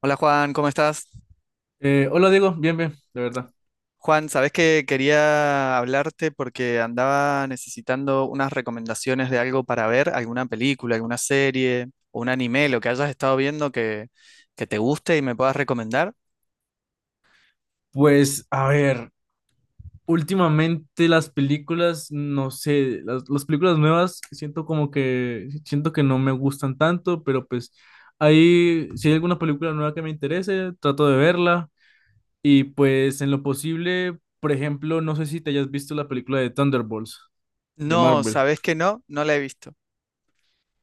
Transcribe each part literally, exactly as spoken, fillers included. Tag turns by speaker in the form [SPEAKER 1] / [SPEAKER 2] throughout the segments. [SPEAKER 1] Hola Juan, ¿cómo estás?
[SPEAKER 2] Eh, hola Diego, bien, bien, de verdad.
[SPEAKER 1] Juan, sabes que quería hablarte porque andaba necesitando unas recomendaciones de algo para ver, alguna película, alguna serie o un anime, lo que hayas estado viendo que, que te guste y me puedas recomendar.
[SPEAKER 2] Pues, a ver, últimamente las películas, no sé, las, las películas nuevas, siento como que, siento que no me gustan tanto, pero pues ahí, si hay alguna película nueva que me interese, trato de verla. Y pues en lo posible, por ejemplo, no sé si te hayas visto la película de Thunderbolts de
[SPEAKER 1] No,
[SPEAKER 2] Marvel.
[SPEAKER 1] sabes que no, no la he visto.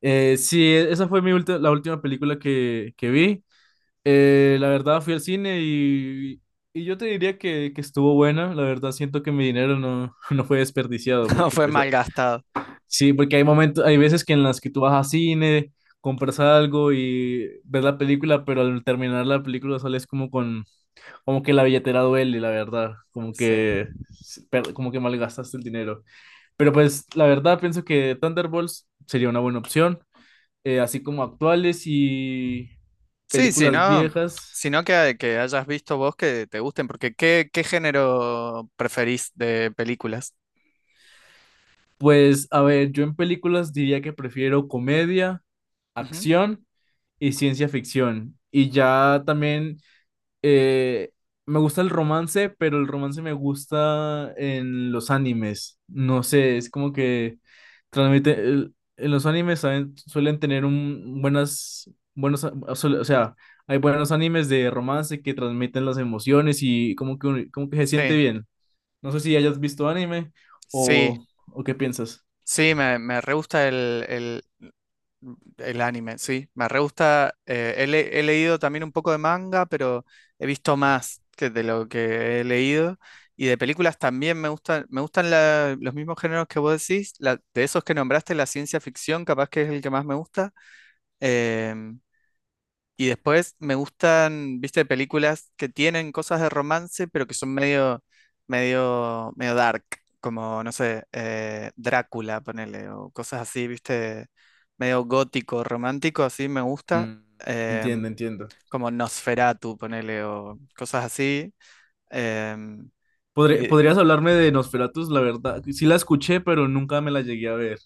[SPEAKER 2] Eh, sí, esa fue mi ulti- la última película que, que vi. Eh, la verdad fui al cine y, y yo te diría que, que estuvo buena. La verdad siento que mi dinero no, no fue desperdiciado
[SPEAKER 1] No,
[SPEAKER 2] porque
[SPEAKER 1] fue
[SPEAKER 2] pues a-
[SPEAKER 1] malgastado.
[SPEAKER 2] sí, porque hay momentos, hay veces que en las que tú vas al cine, compras algo y ves la película, pero al terminar la película sales como con, como que la billetera duele, la verdad, como
[SPEAKER 1] Sí.
[SPEAKER 2] que s- per- como que malgastaste el dinero. Pero pues la verdad pienso que Thunderbolts sería una buena opción, eh, así como actuales y
[SPEAKER 1] Sí, sí,
[SPEAKER 2] películas
[SPEAKER 1] no.
[SPEAKER 2] viejas.
[SPEAKER 1] Sino que, que hayas visto vos que te gusten, porque ¿qué, qué género preferís de películas?
[SPEAKER 2] Pues, a ver, yo en películas diría que prefiero comedia,
[SPEAKER 1] Ujú.
[SPEAKER 2] acción y ciencia ficción. Y ya también eh, me gusta el romance, pero el romance me gusta en los animes. No sé, es como que transmite. El- en los animes saben- suelen tener un, buenas, buenos, a- suele- o sea, hay buenos animes de romance que transmiten las emociones y como que, un- como que se siente
[SPEAKER 1] Sí,
[SPEAKER 2] bien. No sé si hayas visto anime
[SPEAKER 1] sí,
[SPEAKER 2] o, o qué piensas.
[SPEAKER 1] sí, me, me re gusta el, el El anime, sí. Me re gusta. Eh, he, le- he leído también un poco de manga, pero he visto más que de lo que he leído. Y de películas también me gustan, me gustan la- los mismos géneros que vos decís. La- de esos que nombraste, la ciencia ficción, capaz que es el que más me gusta. Em, y después me gustan, viste, películas que tienen cosas de romance, pero que son medio, medio, medio dark, como, no sé, eh, Drácula, ponele, o cosas así, viste, medio gótico, romántico, así me gusta,
[SPEAKER 2] Mm, Entiendo,
[SPEAKER 1] em,
[SPEAKER 2] entiendo.
[SPEAKER 1] como Nosferatu, ponele, o cosas así. em,
[SPEAKER 2] Podré-
[SPEAKER 1] y,
[SPEAKER 2] ¿podrías hablarme de Nosferatus? La verdad, sí la escuché, pero nunca me la llegué a ver.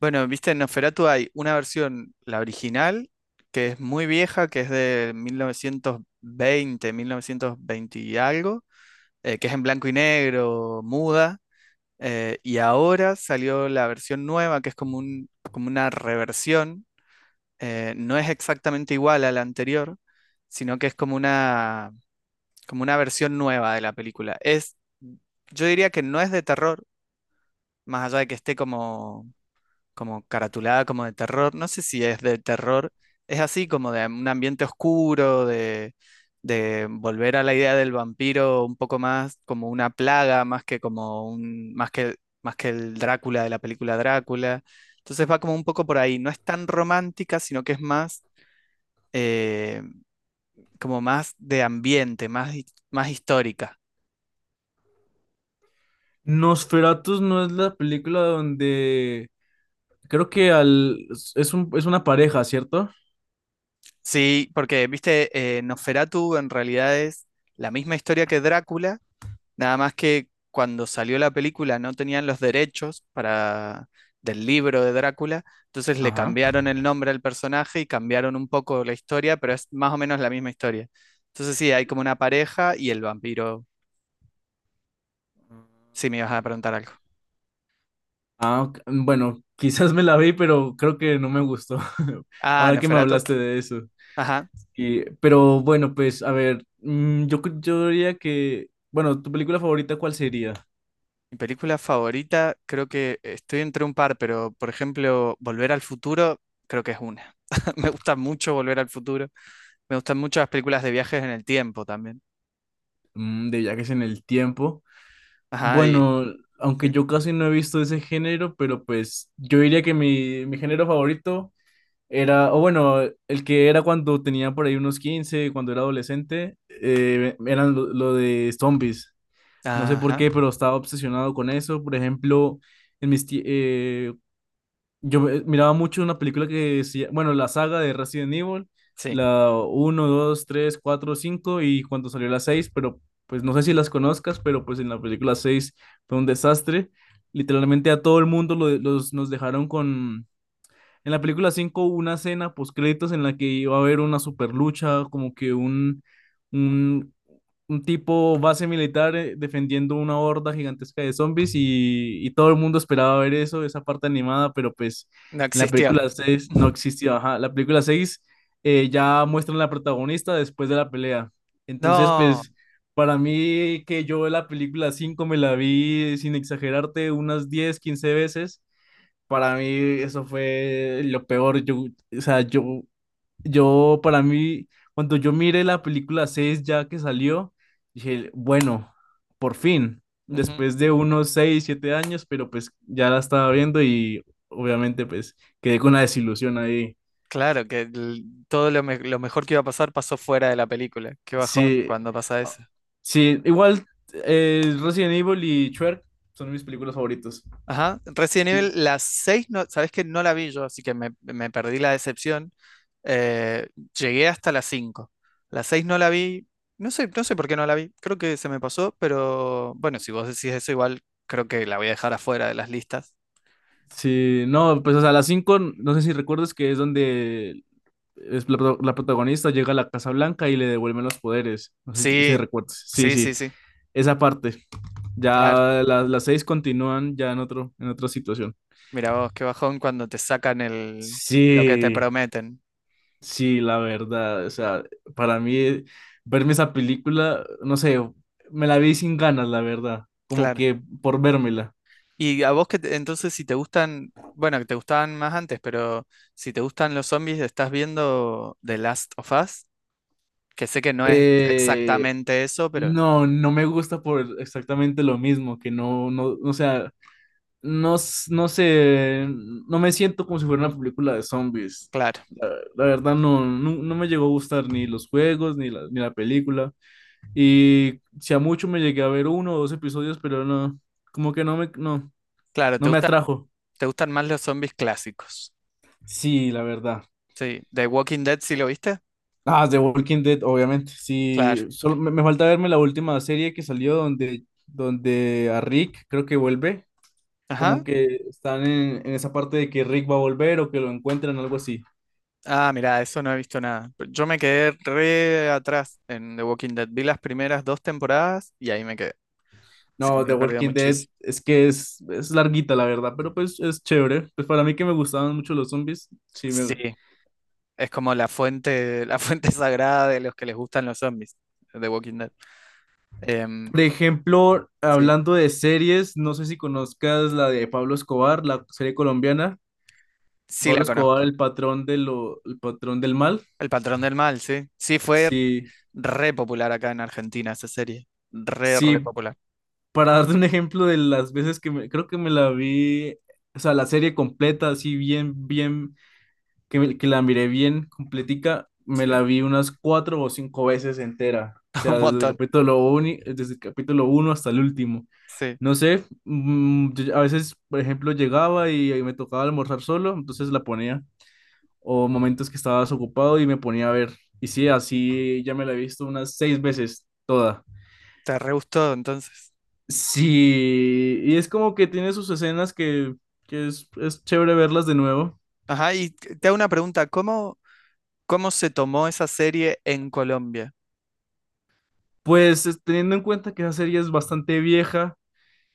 [SPEAKER 1] bueno, viste, en Nosferatu hay una versión, la original, que es muy vieja, que es de mil novecientos veinte, mil novecientos veinte y algo eh, que es en blanco y negro, muda, eh, y ahora salió la versión nueva, que es como un, como una reversión, eh, no es exactamente igual a la anterior, sino que es como una, como una versión nueva de la película. Es, yo diría que no es de terror, más allá de que esté como como caratulada como de terror, no sé si es de terror, es así como de un ambiente oscuro, de, de volver a la idea del vampiro un poco más como una plaga, más que como un, más que, más que el Drácula de la película Drácula. Entonces va como un poco por ahí, no es tan romántica, sino que es más eh, como más de ambiente, más, hi- más histórica.
[SPEAKER 2] Nosferatus no es la película donde creo que al es un es una pareja, ¿cierto?
[SPEAKER 1] Sí, porque, viste, eh, Nosferatu en realidad es la misma historia que Drácula. Nada más que cuando salió la película no tenían los derechos para del libro de Drácula, entonces le
[SPEAKER 2] Ajá.
[SPEAKER 1] cambiaron el nombre al personaje y cambiaron un poco la historia, pero es más o menos la misma historia. Entonces sí, hay como una pareja y el vampiro. Sí, me ibas a preguntar algo.
[SPEAKER 2] Ah, ok, bueno, quizás me la vi, pero creo que no me gustó.
[SPEAKER 1] Ah,
[SPEAKER 2] Ahora que me
[SPEAKER 1] Nosferatu.
[SPEAKER 2] hablaste de eso.
[SPEAKER 1] Ajá.
[SPEAKER 2] Y, pero bueno, pues a ver, mm, yo, cre- yo diría que, bueno, ¿tu película favorita cuál sería?
[SPEAKER 1] Mi película favorita, creo que estoy entre un par, pero por ejemplo, Volver al Futuro, creo que es una. Me gusta mucho Volver al Futuro. Me gustan mucho las películas de viajes en el tiempo también.
[SPEAKER 2] Mm, de viajes en el tiempo.
[SPEAKER 1] Ajá, y,
[SPEAKER 2] Bueno, aunque
[SPEAKER 1] sí.
[SPEAKER 2] yo casi no he visto ese género, pero pues yo diría que mi, mi género favorito era, o bueno, el que era cuando tenía por ahí unos quince cuando era adolescente, eh, eran lo, lo de zombies. No sé por
[SPEAKER 1] Ajá.
[SPEAKER 2] qué, pero estaba obsesionado con eso. Por ejemplo, en mis tie- eh, yo ve- miraba mucho una película que decía bueno, la saga de Resident Evil,
[SPEAKER 1] Sí,
[SPEAKER 2] la uno dos tres cuatro cinco y cuando salió la seis, pero pues no sé si las conozcas, pero pues en la película seis fue un desastre. Literalmente a todo el mundo lo los, nos dejaron con... En la película cinco hubo una escena post créditos en la que iba a haber una super lucha, como que un, un un tipo base militar eh, defendiendo una horda gigantesca de zombies y, y todo el mundo esperaba ver eso, esa parte animada, pero pues
[SPEAKER 1] no
[SPEAKER 2] en la
[SPEAKER 1] existió.
[SPEAKER 2] película seis no existió. Ajá. La película seis eh, ya muestran la protagonista después de la pelea. Entonces,
[SPEAKER 1] No,
[SPEAKER 2] pues para mí que yo la película cinco me la vi sin exagerarte unas diez quince veces. Para mí eso fue lo peor. Yo, o sea, yo yo, para mí, cuando yo miré la película seis ya que salió, dije, bueno, por fin,
[SPEAKER 1] ujú.
[SPEAKER 2] después de unos seis siete años, pero pues ya la estaba viendo y obviamente pues quedé con la desilusión ahí.
[SPEAKER 1] Claro, que el- todo lo, me- lo mejor que iba a pasar pasó fuera de la película. Qué bajón
[SPEAKER 2] Sí,
[SPEAKER 1] cuando pasa
[SPEAKER 2] ah,
[SPEAKER 1] eso.
[SPEAKER 2] sí, igual eh, Resident Evil y Shrek son mis películas favoritas.
[SPEAKER 1] Ajá, Resident Evil,
[SPEAKER 2] Sí,
[SPEAKER 1] las seis, no, sabes que no la vi yo, así que me, me perdí la decepción. Eh, Llegué hasta las cinco. Las seis no la vi, no sé, no sé por qué no la vi, creo que se me pasó, pero bueno, si vos decís eso, igual creo que la voy a dejar afuera de las listas.
[SPEAKER 2] sí, no, pues o sea, las cinco no sé si recuerdas que es donde es la, pro- la protagonista llega a la Casa Blanca y le devuelven los poderes. No sé si, si
[SPEAKER 1] Sí,
[SPEAKER 2] recuerdas. Sí,
[SPEAKER 1] sí,
[SPEAKER 2] sí.
[SPEAKER 1] sí, sí.
[SPEAKER 2] Esa parte.
[SPEAKER 1] Claro.
[SPEAKER 2] Ya la- las seis continúan ya en otro, en otra situación.
[SPEAKER 1] Mira vos, qué bajón cuando te sacan el lo que te
[SPEAKER 2] Sí,
[SPEAKER 1] prometen.
[SPEAKER 2] sí, la verdad. O sea, para mí, verme esa película, no sé, me la vi sin ganas, la verdad. Como
[SPEAKER 1] Claro.
[SPEAKER 2] que por vérmela.
[SPEAKER 1] Y a vos que te- entonces si te gustan, bueno, que te gustaban más antes, pero si te gustan los zombies, estás viendo The Last of Us, que sé que no es
[SPEAKER 2] Eh,
[SPEAKER 1] exactamente eso, pero
[SPEAKER 2] no, no me gusta por exactamente lo mismo, que no, no, o sea, no, s- no sé, no me siento como si fuera una película de zombies.
[SPEAKER 1] claro,
[SPEAKER 2] La verdad no, no, no me llegó a gustar ni los juegos, ni la, ni la película. Y si a mucho me llegué a ver uno o dos episodios, pero no, como que no me, no,
[SPEAKER 1] claro, te
[SPEAKER 2] no me
[SPEAKER 1] gustan,
[SPEAKER 2] atrajo.
[SPEAKER 1] te gustan más los zombies clásicos.
[SPEAKER 2] Sí, la verdad.
[SPEAKER 1] Sí, The Walking Dead, ¿sí lo viste?
[SPEAKER 2] Ah, The Walking Dead, obviamente.
[SPEAKER 1] Claro.
[SPEAKER 2] Sí, solo me, me falta verme la última serie que salió donde, donde a Rick creo que vuelve.
[SPEAKER 1] Ajá.
[SPEAKER 2] Como que están en, en esa parte de que Rick va a volver o que lo encuentran, algo así.
[SPEAKER 1] Ah, mira, eso no he visto nada. Pero yo me quedé re atrás en The Walking Dead. Vi las primeras dos temporadas y ahí me quedé. Así que
[SPEAKER 2] No,
[SPEAKER 1] me
[SPEAKER 2] The
[SPEAKER 1] he perdido
[SPEAKER 2] Walking Dead
[SPEAKER 1] muchísimo.
[SPEAKER 2] es que es, es larguita, la verdad, pero pues es chévere. Pues para mí que me gustaban mucho los zombies, sí, me,
[SPEAKER 1] Sí, es como la fuente, la fuente sagrada de los que les gustan los zombies, de Walking Dead. Em,
[SPEAKER 2] por ejemplo,
[SPEAKER 1] sí,
[SPEAKER 2] hablando de series, no sé si conozcas la de Pablo Escobar, la serie colombiana.
[SPEAKER 1] sí
[SPEAKER 2] Pablo
[SPEAKER 1] la conozco.
[SPEAKER 2] Escobar, el patrón de lo, el patrón del mal.
[SPEAKER 1] El patrón del mal, sí. Sí, fue
[SPEAKER 2] Sí,
[SPEAKER 1] re popular acá en Argentina esa serie. Re, re
[SPEAKER 2] sí,
[SPEAKER 1] popular.
[SPEAKER 2] para darte un ejemplo de las veces que me, creo que me la vi, o sea, la serie completa, así bien, bien que, me- que la miré bien completica, me
[SPEAKER 1] Sí,
[SPEAKER 2] la vi unas cuatro o cinco veces entera. O
[SPEAKER 1] un
[SPEAKER 2] sea, desde el
[SPEAKER 1] montón.
[SPEAKER 2] capítulo uno, desde el capítulo uno hasta el último.
[SPEAKER 1] Sí,
[SPEAKER 2] No sé, mm, yo- a veces, por ejemplo, llegaba y, y me tocaba almorzar solo, entonces la ponía. O momentos que estaba desocupado y me ponía a ver. Y sí, así ya me la he visto unas seis veces toda.
[SPEAKER 1] te re gustó entonces.
[SPEAKER 2] Sí, y es como que tiene sus escenas que, que es, es chévere verlas de nuevo.
[SPEAKER 1] Ajá, y te te hago una pregunta, ¿cómo, ¿cómo se tomó esa serie en Colombia?
[SPEAKER 2] Pues es- teniendo en cuenta que esa serie es bastante vieja,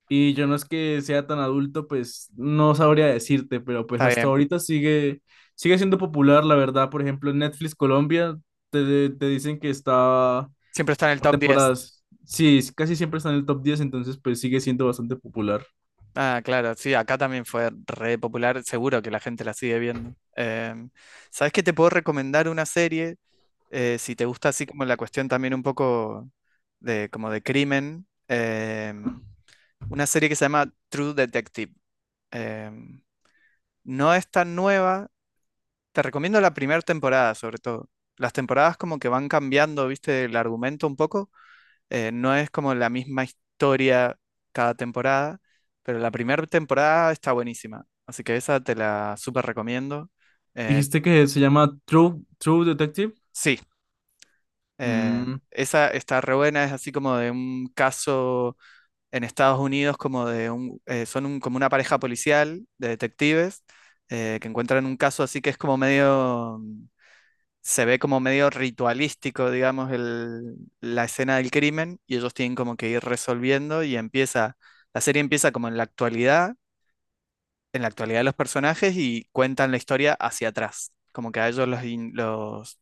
[SPEAKER 2] y yo no es que sea tan adulto, pues no sabría decirte, pero pues
[SPEAKER 1] Está
[SPEAKER 2] hasta
[SPEAKER 1] bien,
[SPEAKER 2] ahorita sigue, sigue siendo popular, la verdad. Por ejemplo, en Netflix Colombia te, te dicen que está
[SPEAKER 1] siempre está en el
[SPEAKER 2] por
[SPEAKER 1] top diez.
[SPEAKER 2] temporadas. Sí, es- casi siempre está en el top diez, entonces pues sigue siendo bastante popular.
[SPEAKER 1] Ah, claro, sí, acá también fue re popular, seguro que la gente la sigue viendo. Em, ¿sabes qué? Te puedo recomendar una serie, eh, si te gusta así como la cuestión también un poco de como de crimen, em, una serie que se llama True Detective. Em, no es tan nueva, te recomiendo la primera temporada sobre todo. Las temporadas como que van cambiando, viste, el argumento un poco, eh, no es como la misma historia cada temporada, pero la primera temporada está buenísima. Así que esa te la súper recomiendo. Eh,
[SPEAKER 2] Dijiste que se llama True, True Detective.
[SPEAKER 1] sí, eh,
[SPEAKER 2] Mm,
[SPEAKER 1] esa está re buena, es así como de un caso en Estados Unidos, como de un, eh, son un- como una pareja policial de detectives eh, que encuentran un caso así que es como medio se ve como medio ritualístico, digamos, el- la escena del crimen y ellos tienen como que ir resolviendo y empieza, la serie empieza como en la actualidad, en la actualidad de los personajes y cuentan la historia hacia atrás, como que a ellos los, in- los,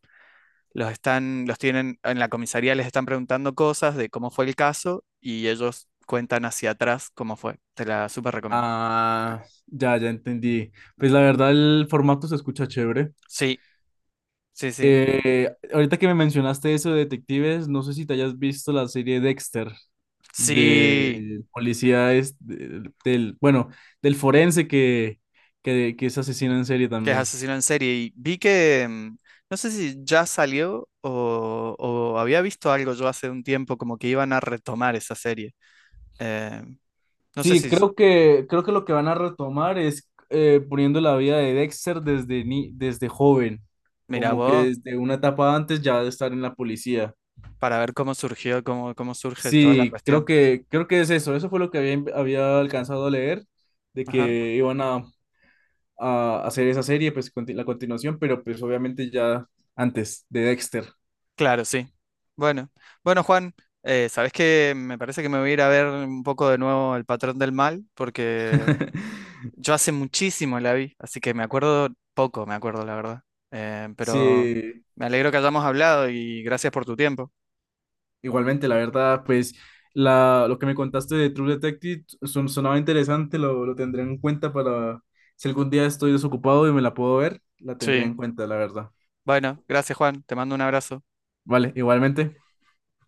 [SPEAKER 1] los están, los tienen en la comisaría, les están preguntando cosas de cómo fue el caso y ellos cuentan hacia atrás cómo fue. Te la súper recomiendo.
[SPEAKER 2] ah, ya, ya entendí. Pues la verdad el formato se escucha chévere.
[SPEAKER 1] Sí, sí, sí.
[SPEAKER 2] Eh, ahorita que me mencionaste eso de detectives, no sé si te hayas visto la serie Dexter
[SPEAKER 1] Sí.
[SPEAKER 2] de policía es del, del- bueno, del forense que, que, que es asesino en serie
[SPEAKER 1] Que es
[SPEAKER 2] también.
[SPEAKER 1] asesino en serie. Y vi que, mm, no sé si ya salió o, o había visto algo yo hace un tiempo como que iban a retomar esa serie. Eh, no sé
[SPEAKER 2] Sí,
[SPEAKER 1] si, s-
[SPEAKER 2] creo que creo que lo que van a retomar es eh, poniendo la vida de Dexter desde ni, desde joven,
[SPEAKER 1] mira
[SPEAKER 2] como que
[SPEAKER 1] vos,
[SPEAKER 2] desde una etapa antes ya de estar en la policía.
[SPEAKER 1] para ver cómo surgió, cómo, cómo surge toda la
[SPEAKER 2] Sí, creo
[SPEAKER 1] cuestión.
[SPEAKER 2] que creo que es eso, eso fue lo que había había alcanzado a leer de
[SPEAKER 1] Ajá.
[SPEAKER 2] que iban a a hacer esa serie, pues conti- la continuación, pero pues obviamente ya antes de Dexter.
[SPEAKER 1] Claro, sí. Bueno, bueno, Juan, eh, ¿sabés qué? Me parece que me voy a ir a ver un poco de nuevo El Patrón del Mal porque yo hace muchísimo la vi, así que me acuerdo poco, me acuerdo la verdad. Eh, pero
[SPEAKER 2] Sí,
[SPEAKER 1] me alegro que hayamos hablado y gracias por tu tiempo.
[SPEAKER 2] igualmente, la verdad, pues la, lo que me contaste de True Detective son, sonaba interesante, lo, lo tendré en cuenta para si algún día estoy desocupado y me la puedo ver, la tendré
[SPEAKER 1] Sí,
[SPEAKER 2] en cuenta, la verdad.
[SPEAKER 1] bueno, gracias Juan, te mando un abrazo.
[SPEAKER 2] Vale, igualmente.